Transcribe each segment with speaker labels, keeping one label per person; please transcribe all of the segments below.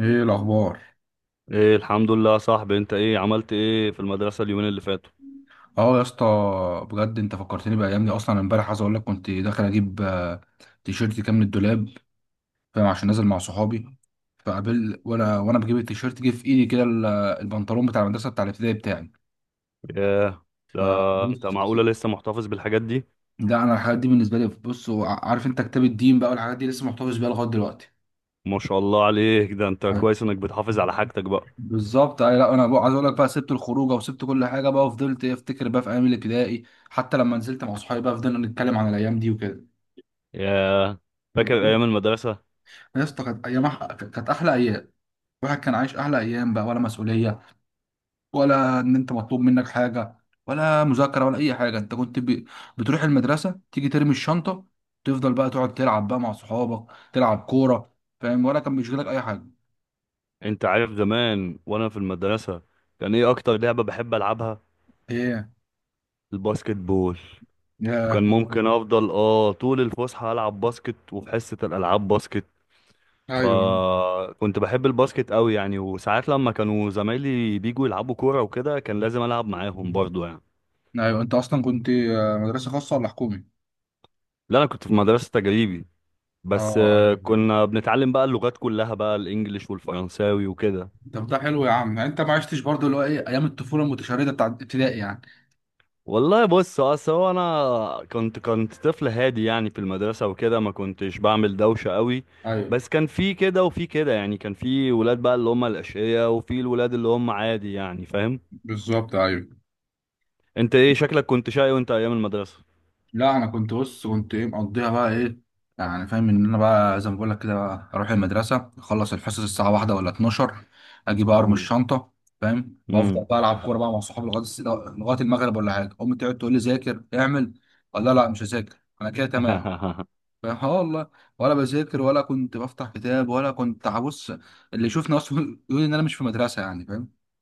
Speaker 1: ايه الاخبار؟
Speaker 2: ايه، الحمد لله يا صاحبي. انت ايه عملت ايه في المدرسة اليومين اللي فاتوا؟
Speaker 1: اه يا اسطى، بجد انت فكرتني بايام دي. اصلا امبارح عايز اقول لك، كنت داخل اجيب تيشيرت كام من الدولاب، فاهم؟ عشان نازل مع صحابي. فقابل وانا بجيب التيشيرت، جه في ايدي كده البنطلون بتاع المدرسه، بتاع الابتدائي بتاعي.
Speaker 2: ياه، ده انت
Speaker 1: بص،
Speaker 2: معقولة لسه محتفظ بالحاجات دي؟
Speaker 1: لا انا الحاجات دي بالنسبه لي، بص، عارف انت كتاب الدين بقى والحاجات دي لسه محتفظ بيها لغايه دلوقتي.
Speaker 2: ما شاء الله عليك، ده انت
Speaker 1: أيوة.
Speaker 2: كويس انك بتحافظ على حاجتك بقى.
Speaker 1: بالظبط أيوة، لا انا بقى عايز اقول لك بقى، سبت الخروجه وسبت كل حاجه بقى وفضلت افتكر بقى في ايام الابتدائي، حتى لما نزلت مع صحابي بقى فضلنا نتكلم عن الايام دي
Speaker 2: ياه. فاكر
Speaker 1: وكده.
Speaker 2: ايام المدرسة؟
Speaker 1: يا اسطى كانت ايام كانت احلى ايام. الواحد كان عايش احلى ايام بقى، ولا مسؤوليه، ولا ان انت مطلوب منك حاجه، ولا مذاكره ولا اي حاجه. انت كنت بتروح المدرسه تيجي ترمي الشنطه، تفضل بقى تقعد تلعب بقى مع صحابك، تلعب كوره، فاهم؟ ولا كان بيشغلك اي حاجه؟
Speaker 2: انت عارف زمان وانا في المدرسة كان ايه اكتر لعبة بحب العبها؟
Speaker 1: ايه؟
Speaker 2: الباسكت بول.
Speaker 1: يا،
Speaker 2: وكان ممكن افضل اه طول الفسحة العب باسكت، وفي حصة الالعاب باسكت،
Speaker 1: ايوه.
Speaker 2: فكنت بحب الباسكت قوي يعني. وساعات لما كانوا زمايلي بيجوا يلعبوا كورة وكده كان لازم ألعب معاهم برضو يعني.
Speaker 1: ايوه انت اصلا كنت مدرسه خاصه ولا حكومي؟
Speaker 2: لا أنا كنت في مدرسة تجريبي، بس
Speaker 1: اه ايوه،
Speaker 2: كنا بنتعلم بقى اللغات كلها بقى، الإنجليش والفرنساوي وكده.
Speaker 1: طب ده حلو يا عم، يعني انت ما عشتش برضو اللي هو ايه، ايام الطفوله المتشرده بتاع ابتدائي يعني.
Speaker 2: والله بص، أصل هو أنا كنت طفل هادي يعني في المدرسة وكده، ما كنتش بعمل دوشة قوي.
Speaker 1: ايوه،
Speaker 2: بس كان في كده وفي كده يعني، كان في ولاد بقى اللي هم الأشقياء، وفي الولاد اللي هم عادي يعني، فاهم.
Speaker 1: بالظبط ايوه.
Speaker 2: انت ايه شكلك كنت شقي وانت ايام المدرسة؟
Speaker 1: لا انا كنت، بص كنت ايه، مقضيها بقى ايه، يعني فاهم ان انا بقى زي ما بقول لك كده بقى، اروح المدرسه اخلص الحصص الساعه واحدة ولا 12، اجي بقى ارمي الشنطه، فاهم؟
Speaker 2: امم.
Speaker 1: بفضل بقى العب كوره بقى مع صحابي لغايه لغايه المغرب، ولا حاجه. امي تقعد تقول لي ذاكر، اعمل، اقول لها لا مش هذاكر، انا كده تمام، فاهم؟ اه والله، ولا بذاكر ولا كنت بفتح كتاب ولا كنت، بص، اللي يشوفني اصلا يقول ان انا مش في مدرسه يعني.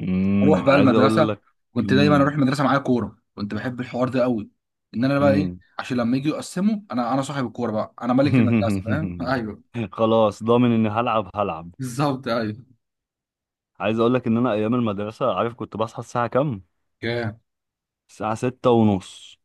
Speaker 1: اروح بقى
Speaker 2: عايز اقول
Speaker 1: المدرسه،
Speaker 2: لك.
Speaker 1: كنت دايما
Speaker 2: امم.
Speaker 1: اروح المدرسه معايا كوره، كنت بحب الحوار ده قوي، ان انا بقى ايه،
Speaker 2: امم.
Speaker 1: عشان لما يجوا يقسموا انا صاحب الكوره بقى، انا ملك المدرسه، فاهم؟ ايوه،
Speaker 2: خلاص ضامن اني هلعب هلعب.
Speaker 1: بالظبط ايوه.
Speaker 2: عايز اقول لك ان انا ايام المدرسه، عارف كنت بصحى الساعه كام؟
Speaker 1: جامد.
Speaker 2: الساعه ستة ونص.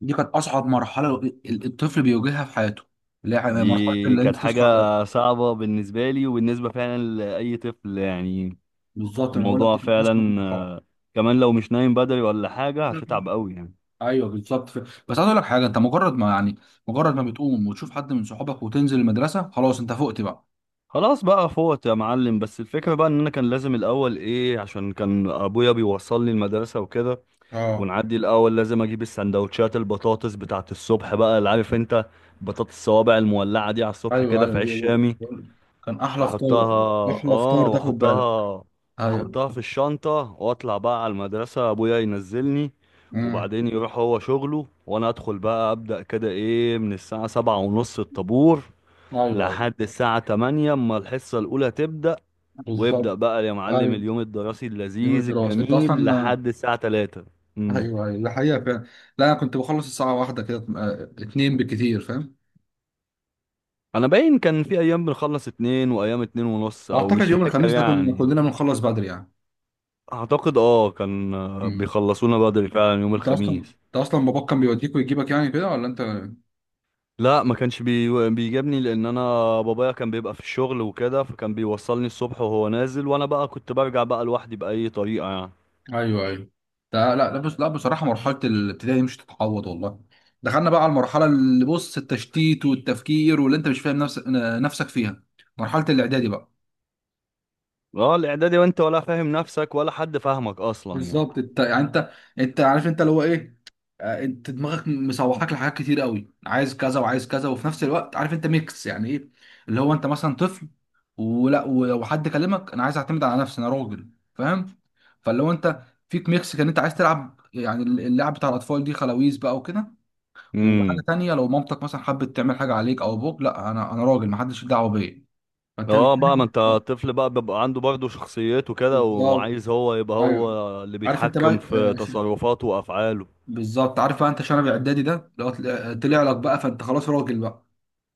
Speaker 1: دي كانت اصعب مرحله الطفل بيواجهها في حياته، اللي هي مرحله
Speaker 2: دي
Speaker 1: اللي انت
Speaker 2: كانت حاجه
Speaker 1: تصحى.
Speaker 2: صعبه بالنسبه لي وبالنسبه فعلا لاي طفل يعني.
Speaker 1: بالظبط، انا بقول لك
Speaker 2: الموضوع
Speaker 1: دي كانت اصعب
Speaker 2: فعلا
Speaker 1: مرحله.
Speaker 2: كمان لو مش نايم بدري ولا حاجه هتتعب قوي يعني.
Speaker 1: ايوه بالظبط. بس عايز اقول لك حاجه، انت مجرد ما يعني، مجرد ما بتقوم وتشوف حد من صحابك وتنزل المدرسه خلاص انت فقت بقى.
Speaker 2: خلاص بقى فوت يا معلم، بس الفكره بقى ان انا كان لازم الاول ايه، عشان كان ابويا بيوصلني المدرسه وكده،
Speaker 1: اه،
Speaker 2: ونعدي الاول لازم اجيب السندوتشات، البطاطس بتاعت الصبح بقى اللي عارف انت، بطاطس الصوابع المولعه دي على الصبح
Speaker 1: ايوه
Speaker 2: كده في
Speaker 1: ايوه
Speaker 2: عيش
Speaker 1: دي،
Speaker 2: شامي.
Speaker 1: بقول- كان احلى فطار.
Speaker 2: احطها.
Speaker 1: احلى
Speaker 2: اه
Speaker 1: فطار، تاخد بالك؟
Speaker 2: واحطها.
Speaker 1: ايوه.
Speaker 2: احطها في الشنطه واطلع بقى على المدرسه، ابويا ينزلني،
Speaker 1: امم.
Speaker 2: وبعدين يروح هو شغله، وانا ادخل بقى ابدا كده ايه من الساعه سبعة ونص الطابور
Speaker 1: ايوه ايوه
Speaker 2: لحد الساعه تمانية اما الحصه الاولى تبدا، ويبدا
Speaker 1: بالظبط.
Speaker 2: بقى يا معلم
Speaker 1: ايوه،
Speaker 2: اليوم الدراسي
Speaker 1: يوم
Speaker 2: اللذيذ
Speaker 1: الدراسه انت
Speaker 2: الجميل
Speaker 1: اصلا.
Speaker 2: لحد الساعه تلاتة. امم.
Speaker 1: ايوه ايوه، ده حقيقه فعلا. لا انا كنت بخلص الساعه واحدة كده، اتنين بالكتير، فاهم؟
Speaker 2: انا باين كان في ايام بنخلص اتنين، وايام اتنين ونص، او
Speaker 1: واعتقد
Speaker 2: مش
Speaker 1: يوم
Speaker 2: فاكر
Speaker 1: الخميس ده كنا
Speaker 2: يعني.
Speaker 1: كلنا بنخلص بدري يعني.
Speaker 2: اعتقد اه كان
Speaker 1: مم.
Speaker 2: بيخلصونا بدري فعلا يوم
Speaker 1: انت اصلا
Speaker 2: الخميس.
Speaker 1: انت اصلا باباك كان بيوديك ويجيبك يعني كده ولا انت؟
Speaker 2: لا ما كانش بيجابني، لان انا بابايا كان بيبقى في الشغل وكده، فكان بيوصلني الصبح وهو نازل، وانا بقى كنت برجع بقى لوحدي باي طريقه يعني.
Speaker 1: ايوه ايوه ده، لا لا، بص لا بصراحه مرحله الابتدائي مش تتعوض والله. دخلنا بقى على المرحله اللي، بص، التشتيت والتفكير، واللي انت مش فاهم نفسك فيها، مرحله الاعدادي بقى.
Speaker 2: اه الاعدادي، وانت ولا فاهم نفسك ولا حد فاهمك اصلا يعني.
Speaker 1: بالظبط، انت يعني، انت، انت عارف انت اللي هو ايه، انت دماغك مسوحاك لحاجات كتير قوي، عايز كذا وعايز كذا، وفي نفس الوقت عارف انت ميكس يعني ايه، اللي هو انت مثلا طفل، ولا وحد كلمك، انا عايز اعتمد على نفسي، انا راجل، فاهم؟ فاللي هو انت فيك ميكس، كان انت عايز تلعب، يعني اللعب بتاع الاطفال دي خلاويز بقى وكده، وحاجه
Speaker 2: امم.
Speaker 1: تانية لو مامتك مثلا حبت تعمل حاجه عليك او ابوك، لا انا راجل، محدش ليه دعوه بيا، فانت مش
Speaker 2: اه بقى، ما انت
Speaker 1: فاهم.
Speaker 2: طفل بقى بيبقى عنده برضه شخصيته كده،
Speaker 1: بالظبط
Speaker 2: وعايز هو يبقى هو
Speaker 1: ايوه،
Speaker 2: اللي
Speaker 1: عارف انت بقى
Speaker 2: بيتحكم في تصرفاته وافعاله.
Speaker 1: بالظبط، عارف بقى انت شنب اعدادي ده لو طلع لك بقى، فانت خلاص راجل بقى.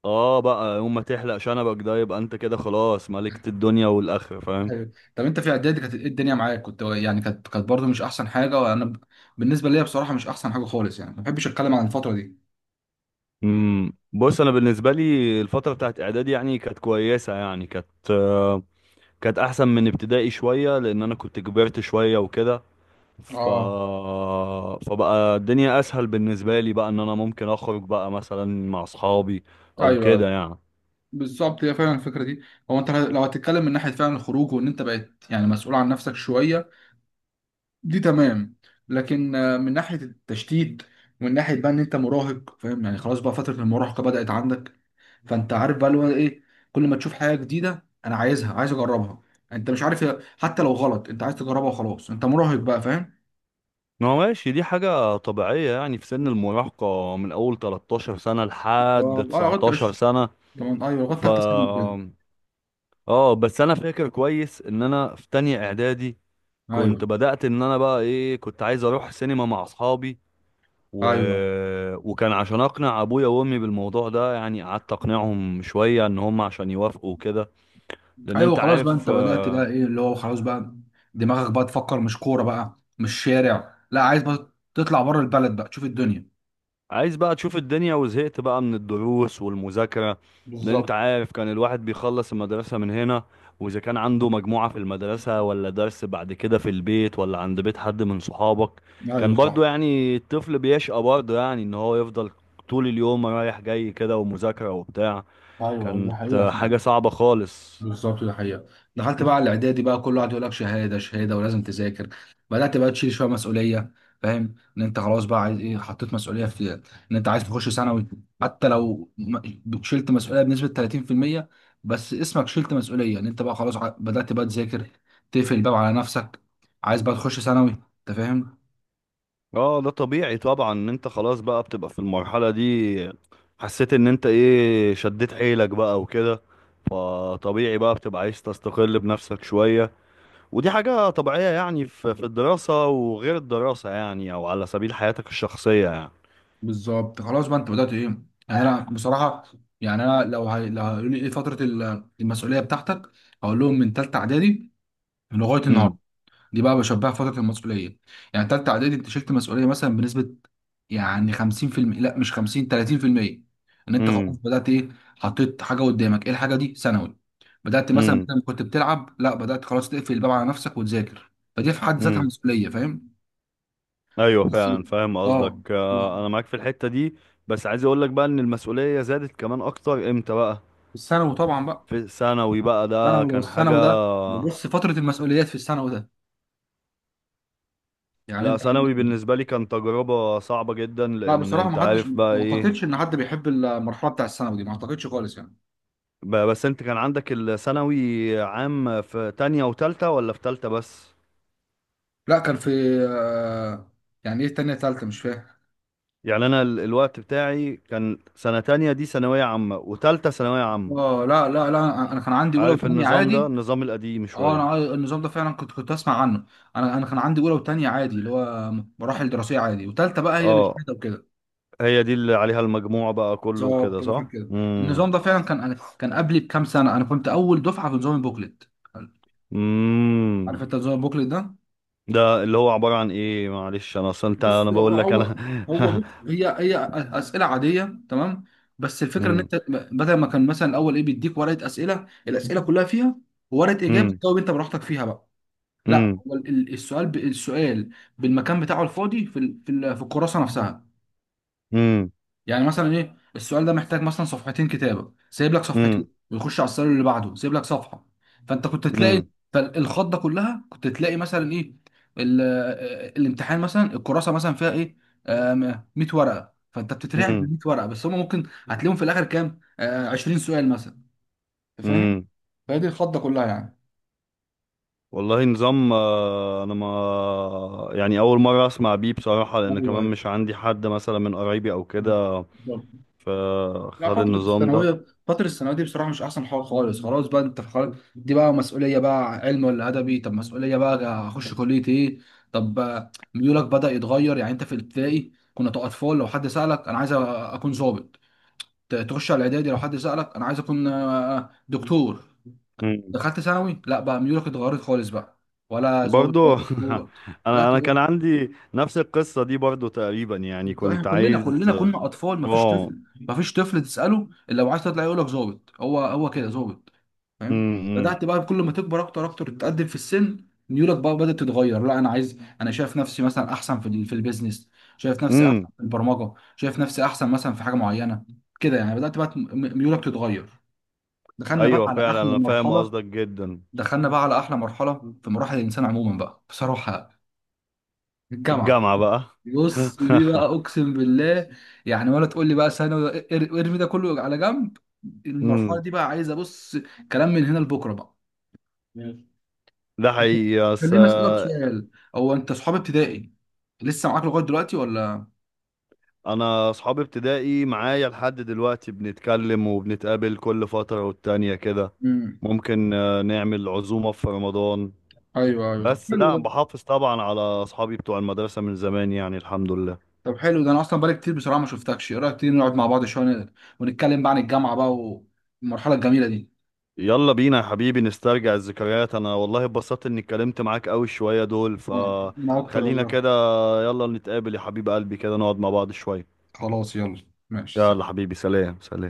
Speaker 2: اه بقى يوم ما تحلق شنبك ده يبقى انت كده خلاص ملكت الدنيا والاخره، فاهم.
Speaker 1: ايوه، طب انت في اعدادي كانت ايه الدنيا معاك، كنت يعني، كانت برضه مش احسن حاجه. وانا بالنسبه ليا بصراحه مش احسن حاجه خالص، يعني ما بحبش اتكلم عن الفتره دي.
Speaker 2: امم. بص انا بالنسبه لي الفتره بتاعت اعدادي يعني كانت كويسه يعني. كانت احسن من ابتدائي شويه، لان انا كنت كبرت شويه وكده. ف
Speaker 1: اه،
Speaker 2: فبقى الدنيا اسهل بالنسبه لي بقى، ان انا ممكن اخرج بقى مثلا مع اصحابي، او
Speaker 1: ايوه
Speaker 2: كده
Speaker 1: ايوه
Speaker 2: يعني.
Speaker 1: بالظبط. هي فعلا الفكره دي، هو انت لو هتتكلم من ناحيه فعلا الخروج، وان انت بقيت يعني مسؤول عن نفسك شويه، دي تمام. لكن من ناحية التشتيت، ومن ناحية بقى ان انت مراهق، فاهم يعني؟ خلاص بقى فترة المراهقة بدأت عندك، فانت عارف بقى اللي هو ايه، كل ما تشوف حاجة جديدة انا عايزها، عايز اجربها، يعني انت مش عارف، حتى لو غلط انت عايز تجربها، وخلاص انت مراهق بقى، فاهم؟
Speaker 2: ما هو ماشي، دي حاجة طبيعية يعني في سن
Speaker 1: ف-
Speaker 2: المراهقة من أول 13 سنة لحد
Speaker 1: اه لغاية
Speaker 2: 19
Speaker 1: 20.
Speaker 2: سنة.
Speaker 1: طبعا ايوه، لغاية
Speaker 2: ف
Speaker 1: تالتة ثانوي كده.
Speaker 2: اه بس انا فاكر كويس ان انا في تانية اعدادي
Speaker 1: ايوه
Speaker 2: كنت بدأت ان انا بقى ايه، كنت عايز اروح سينما مع اصحابي و...
Speaker 1: ايوه
Speaker 2: وكان عشان اقنع ابويا وامي بالموضوع ده يعني، قعدت اقنعهم شوية ان هم عشان يوافقوا وكده، لان
Speaker 1: ايوه،
Speaker 2: انت
Speaker 1: خلاص بقى
Speaker 2: عارف
Speaker 1: انت بدأت بقى ايه، اللي هو خلاص بقى دماغك بقى تفكر مش كورة بقى مش شارع، لا عايز بقى تطلع بره البلد بقى تشوف الدنيا.
Speaker 2: عايز بقى تشوف الدنيا، وزهقت بقى من الدروس والمذاكرة. لان انت
Speaker 1: بالظبط.
Speaker 2: عارف كان الواحد بيخلص المدرسة من هنا، واذا كان عنده مجموعة في المدرسة، ولا درس بعد كده في البيت، ولا عند بيت حد من صحابك،
Speaker 1: ايوه
Speaker 2: كان
Speaker 1: صح.
Speaker 2: برضو يعني الطفل بيشقى برضو يعني، ان هو يفضل طول اليوم رايح جاي كده، ومذاكرة وبتاع.
Speaker 1: ايوه دي
Speaker 2: كانت
Speaker 1: حقيقه
Speaker 2: آه، حاجة
Speaker 1: فعلا.
Speaker 2: صعبة خالص.
Speaker 1: بالظبط دي حقيقه. دخلت بقى على الاعدادي بقى كل واحد يقول لك شهاده شهاده ولازم تذاكر، بدات بقى تشيل شويه مسؤوليه، فاهم ان انت خلاص بقى عايز ايه، حطيت مسؤوليه في ان انت عايز تخش ثانوي، حتى لو شلت مسؤوليه بنسبه 30%، بس اسمك شلت مسؤوليه، ان انت بقى خلاص، بدات بقى تذاكر، تقفل الباب على نفسك، عايز بقى تخش ثانوي، انت فاهم؟
Speaker 2: اه، ده طبيعي طبعا ان انت خلاص بقى بتبقى في المرحلة دي، حسيت ان انت ايه شديت حيلك بقى وكده، فطبيعي بقى بتبقى عايز تستقل بنفسك شوية. ودي حاجة طبيعية يعني، في الدراسة وغير الدراسة يعني، او على سبيل حياتك الشخصية يعني.
Speaker 1: بالظبط، خلاص بقى انت بدات ايه، يعني انا بصراحه، يعني انا لو لو هيقولوا لي ايه فتره المسؤوليه بتاعتك، هقول لهم من ثالثه اعدادي لغايه النهارده،
Speaker 2: امم.
Speaker 1: دي بقى بشبهها فتره المسؤوليه، يعني ثالثه اعدادي انت شلت مسؤوليه مثلا بنسبه، يعني 50%، لا مش 50، 30%، ان انت خلاص
Speaker 2: امم.
Speaker 1: بدات ايه، حطيت حاجه قدامك، ايه الحاجه دي؟ ثانوي. بدات مثلا
Speaker 2: امم.
Speaker 1: بدل ما كنت بتلعب لا بدات خلاص تقفل الباب على نفسك وتذاكر، فدي في حد ذاتها
Speaker 2: امم.
Speaker 1: مسؤوليه، فاهم؟
Speaker 2: ايوه
Speaker 1: بس،
Speaker 2: فعلا، فاهم قصدك
Speaker 1: اه،
Speaker 2: آه، انا معاك في الحتة دي. بس عايز اقول لك بقى ان المسؤولية زادت كمان اكتر امتى بقى؟
Speaker 1: الثانوي طبعا بقى.
Speaker 2: في ثانوي بقى، ده
Speaker 1: الثانوي ده،
Speaker 2: كان حاجة.
Speaker 1: والثانوي ده بص، فترة المسؤوليات في الثانوي ده، يعني
Speaker 2: لا،
Speaker 1: انت عندك،
Speaker 2: ثانوي بالنسبة لي كان تجربة صعبة جدا،
Speaker 1: لا
Speaker 2: لأن
Speaker 1: بصراحة
Speaker 2: أنت
Speaker 1: ما حدش،
Speaker 2: عارف بقى
Speaker 1: ما
Speaker 2: إيه.
Speaker 1: اعتقدش ان حد بيحب المرحلة بتاع الثانوي دي، ما اعتقدش خالص يعني.
Speaker 2: بس أنت كان عندك الثانوي عام في تانية وتالتة، ولا في تالتة بس؟
Speaker 1: لا كان في آه، يعني ايه، تانية تالتة، مش فاهم.
Speaker 2: يعني أنا الوقت بتاعي كان سنة تانية دي ثانوية عامة، وتالتة ثانوية عامة.
Speaker 1: اه لا لا لا، انا كان عندي اولى
Speaker 2: عارف
Speaker 1: وثانية
Speaker 2: النظام ده،
Speaker 1: عادي.
Speaker 2: النظام القديم
Speaker 1: اه، انا
Speaker 2: شوية.
Speaker 1: النظام ده فعلا كنت اسمع عنه. انا كان عندي اولى وثانية عادي، اللي هو مراحل دراسية عادي، وثالثة بقى هي اللي
Speaker 2: اه.
Speaker 1: شهادة وكده.
Speaker 2: هي دي اللي عليها المجموع بقى كله وكده
Speaker 1: بالظبط، هو كان
Speaker 2: صح؟
Speaker 1: كده.
Speaker 2: امم.
Speaker 1: النظام ده فعلا كان، انا كان قبلي بكام سنة، انا كنت اول دفعة في نظام البوكلت. عارف
Speaker 2: امم.
Speaker 1: انت نظام البوكلت ده؟
Speaker 2: ده اللي هو عبارة عن إيه؟ معلش أنا أصلا أنت
Speaker 1: بص
Speaker 2: أنا
Speaker 1: هو،
Speaker 2: بقول لك
Speaker 1: هو
Speaker 2: أنا.
Speaker 1: هو بص، هي هي، اسئله عاديه تمام. بس الفكره ان
Speaker 2: امم.
Speaker 1: انت بدل ما كان مثلا الاول ايه، بيديك ورقه اسئله، الاسئله كلها فيها ورقه اجابه،
Speaker 2: امم.
Speaker 1: تجاوب انت براحتك فيها بقى. لا هو السؤال، السؤال بالمكان بتاعه الفاضي في الكراسه نفسها.
Speaker 2: امم.
Speaker 1: يعني مثلا ايه، السؤال ده محتاج مثلا صفحتين كتابه، سايب لك صفحتين،
Speaker 2: امم.
Speaker 1: ويخش على السؤال اللي بعده سايب لك صفحه. فانت كنت تلاقي،
Speaker 2: امم.
Speaker 1: فالخضه كلها، كنت تلاقي مثلا ايه، الامتحان مثلا، الكراسه مثلا فيها ايه، 100 ورقه، فانت بتترعب من
Speaker 2: امم.
Speaker 1: 100 ورقه، بس هم ممكن هتلاقيهم في الاخر كام، 20 سؤال مثلا، فاهم؟
Speaker 2: امم.
Speaker 1: فهي دي الخضه كلها يعني.
Speaker 2: والله نظام، انا ما يعني اول مره اسمع بيه بصراحه، لان
Speaker 1: ايوه
Speaker 2: كمان مش عندي حد مثلا من قرايبي او كده
Speaker 1: ايوه. لا
Speaker 2: فخد
Speaker 1: فترة
Speaker 2: النظام ده.
Speaker 1: الثانوية فترة الثانوية دي بصراحة مش أحسن حاجة خالص، خلاص بقى أنت خلاص، دي بقى مسؤولية بقى، علم ولا أدبي، طب مسؤولية بقى أخش كلية إيه. طب ميولك بدأ يتغير، يعني أنت في الابتدائي كنا أطفال، لو حد سألك أنا عايز أكون ضابط، تخش على الإعدادي لو حد سألك أنا عايز أكون دكتور.
Speaker 2: امم.
Speaker 1: دخلت ثانوي، لا بقى ميولك اتغيرت خالص بقى، ولا ضابط ولا
Speaker 2: برضو.
Speaker 1: دكتور.
Speaker 2: انا
Speaker 1: بدأت،
Speaker 2: انا كان عندي نفس القصه دي برضو تقريبا يعني،
Speaker 1: احنا
Speaker 2: كنت
Speaker 1: كلنا
Speaker 2: عايز
Speaker 1: كلنا كنا اطفال، مفيش
Speaker 2: اه.
Speaker 1: طفل مفيش طفل تساله الا لو عايز تطلع يقول لك ظابط، هو هو كده، ظابط، فاهم؟
Speaker 2: امم.
Speaker 1: بدات بقى كل ما تكبر اكتر اكتر تتقدم في السن ميولك بقى بدات تتغير، لا انا عايز، انا شايف نفسي مثلا احسن في في البيزنس، شايف نفسي احسن
Speaker 2: امم.
Speaker 1: في البرمجه، شايف نفسي احسن مثلا في حاجه معينه كده يعني، بدات بقى ميولك تتغير. دخلنا بقى
Speaker 2: ايوه
Speaker 1: على
Speaker 2: فعلا،
Speaker 1: احلى
Speaker 2: انا فاهم
Speaker 1: مرحله،
Speaker 2: قصدك جدا.
Speaker 1: دخلنا بقى على احلى مرحله في مراحل الانسان عموما بقى بصراحه، الجامعه.
Speaker 2: الجامعه بقى.
Speaker 1: بص دي بقى اقسم بالله، يعني ولا تقول لي بقى ثانوي، ارمي ده كله على جنب. المرحله
Speaker 2: امم.
Speaker 1: دي بقى عايزه، بص، كلام من هنا لبكره بقى.
Speaker 2: ده حقيقي بس
Speaker 1: خليني اسالك
Speaker 2: آه.
Speaker 1: سؤال، هو انت صحاب ابتدائي لسه معاك لغايه دلوقتي ولا؟
Speaker 2: انا اصحابي ابتدائي معايا لحد دلوقتي، بنتكلم وبنتقابل كل فترة والتانية كده.
Speaker 1: امم.
Speaker 2: ممكن نعمل عزومة في رمضان.
Speaker 1: ايوه ايوه، طب
Speaker 2: بس
Speaker 1: حلو
Speaker 2: لا،
Speaker 1: ده.
Speaker 2: بحافظ طبعا على اصحابي بتوع المدرسة من زمان يعني، الحمد لله.
Speaker 1: طب حلو ده، انا اصلا بقالي كتير بصراحه ما شفتكش، ايه رايك تيجي نقعد مع بعض شويه، ونتكلم بقى عن الجامعه بقى، والمرحله الجميله دي.
Speaker 2: يلا بينا يا حبيبي نسترجع الذكريات، انا والله اتبسطت اني اتكلمت معاك قوي شوية دول،
Speaker 1: وانا اكتر
Speaker 2: فخلينا
Speaker 1: والله.
Speaker 2: كده. يلا نتقابل يا حبيب قلبي كده نقعد مع بعض شوية.
Speaker 1: خلاص يلا ماشي.
Speaker 2: يلا حبيبي، سلام سلام.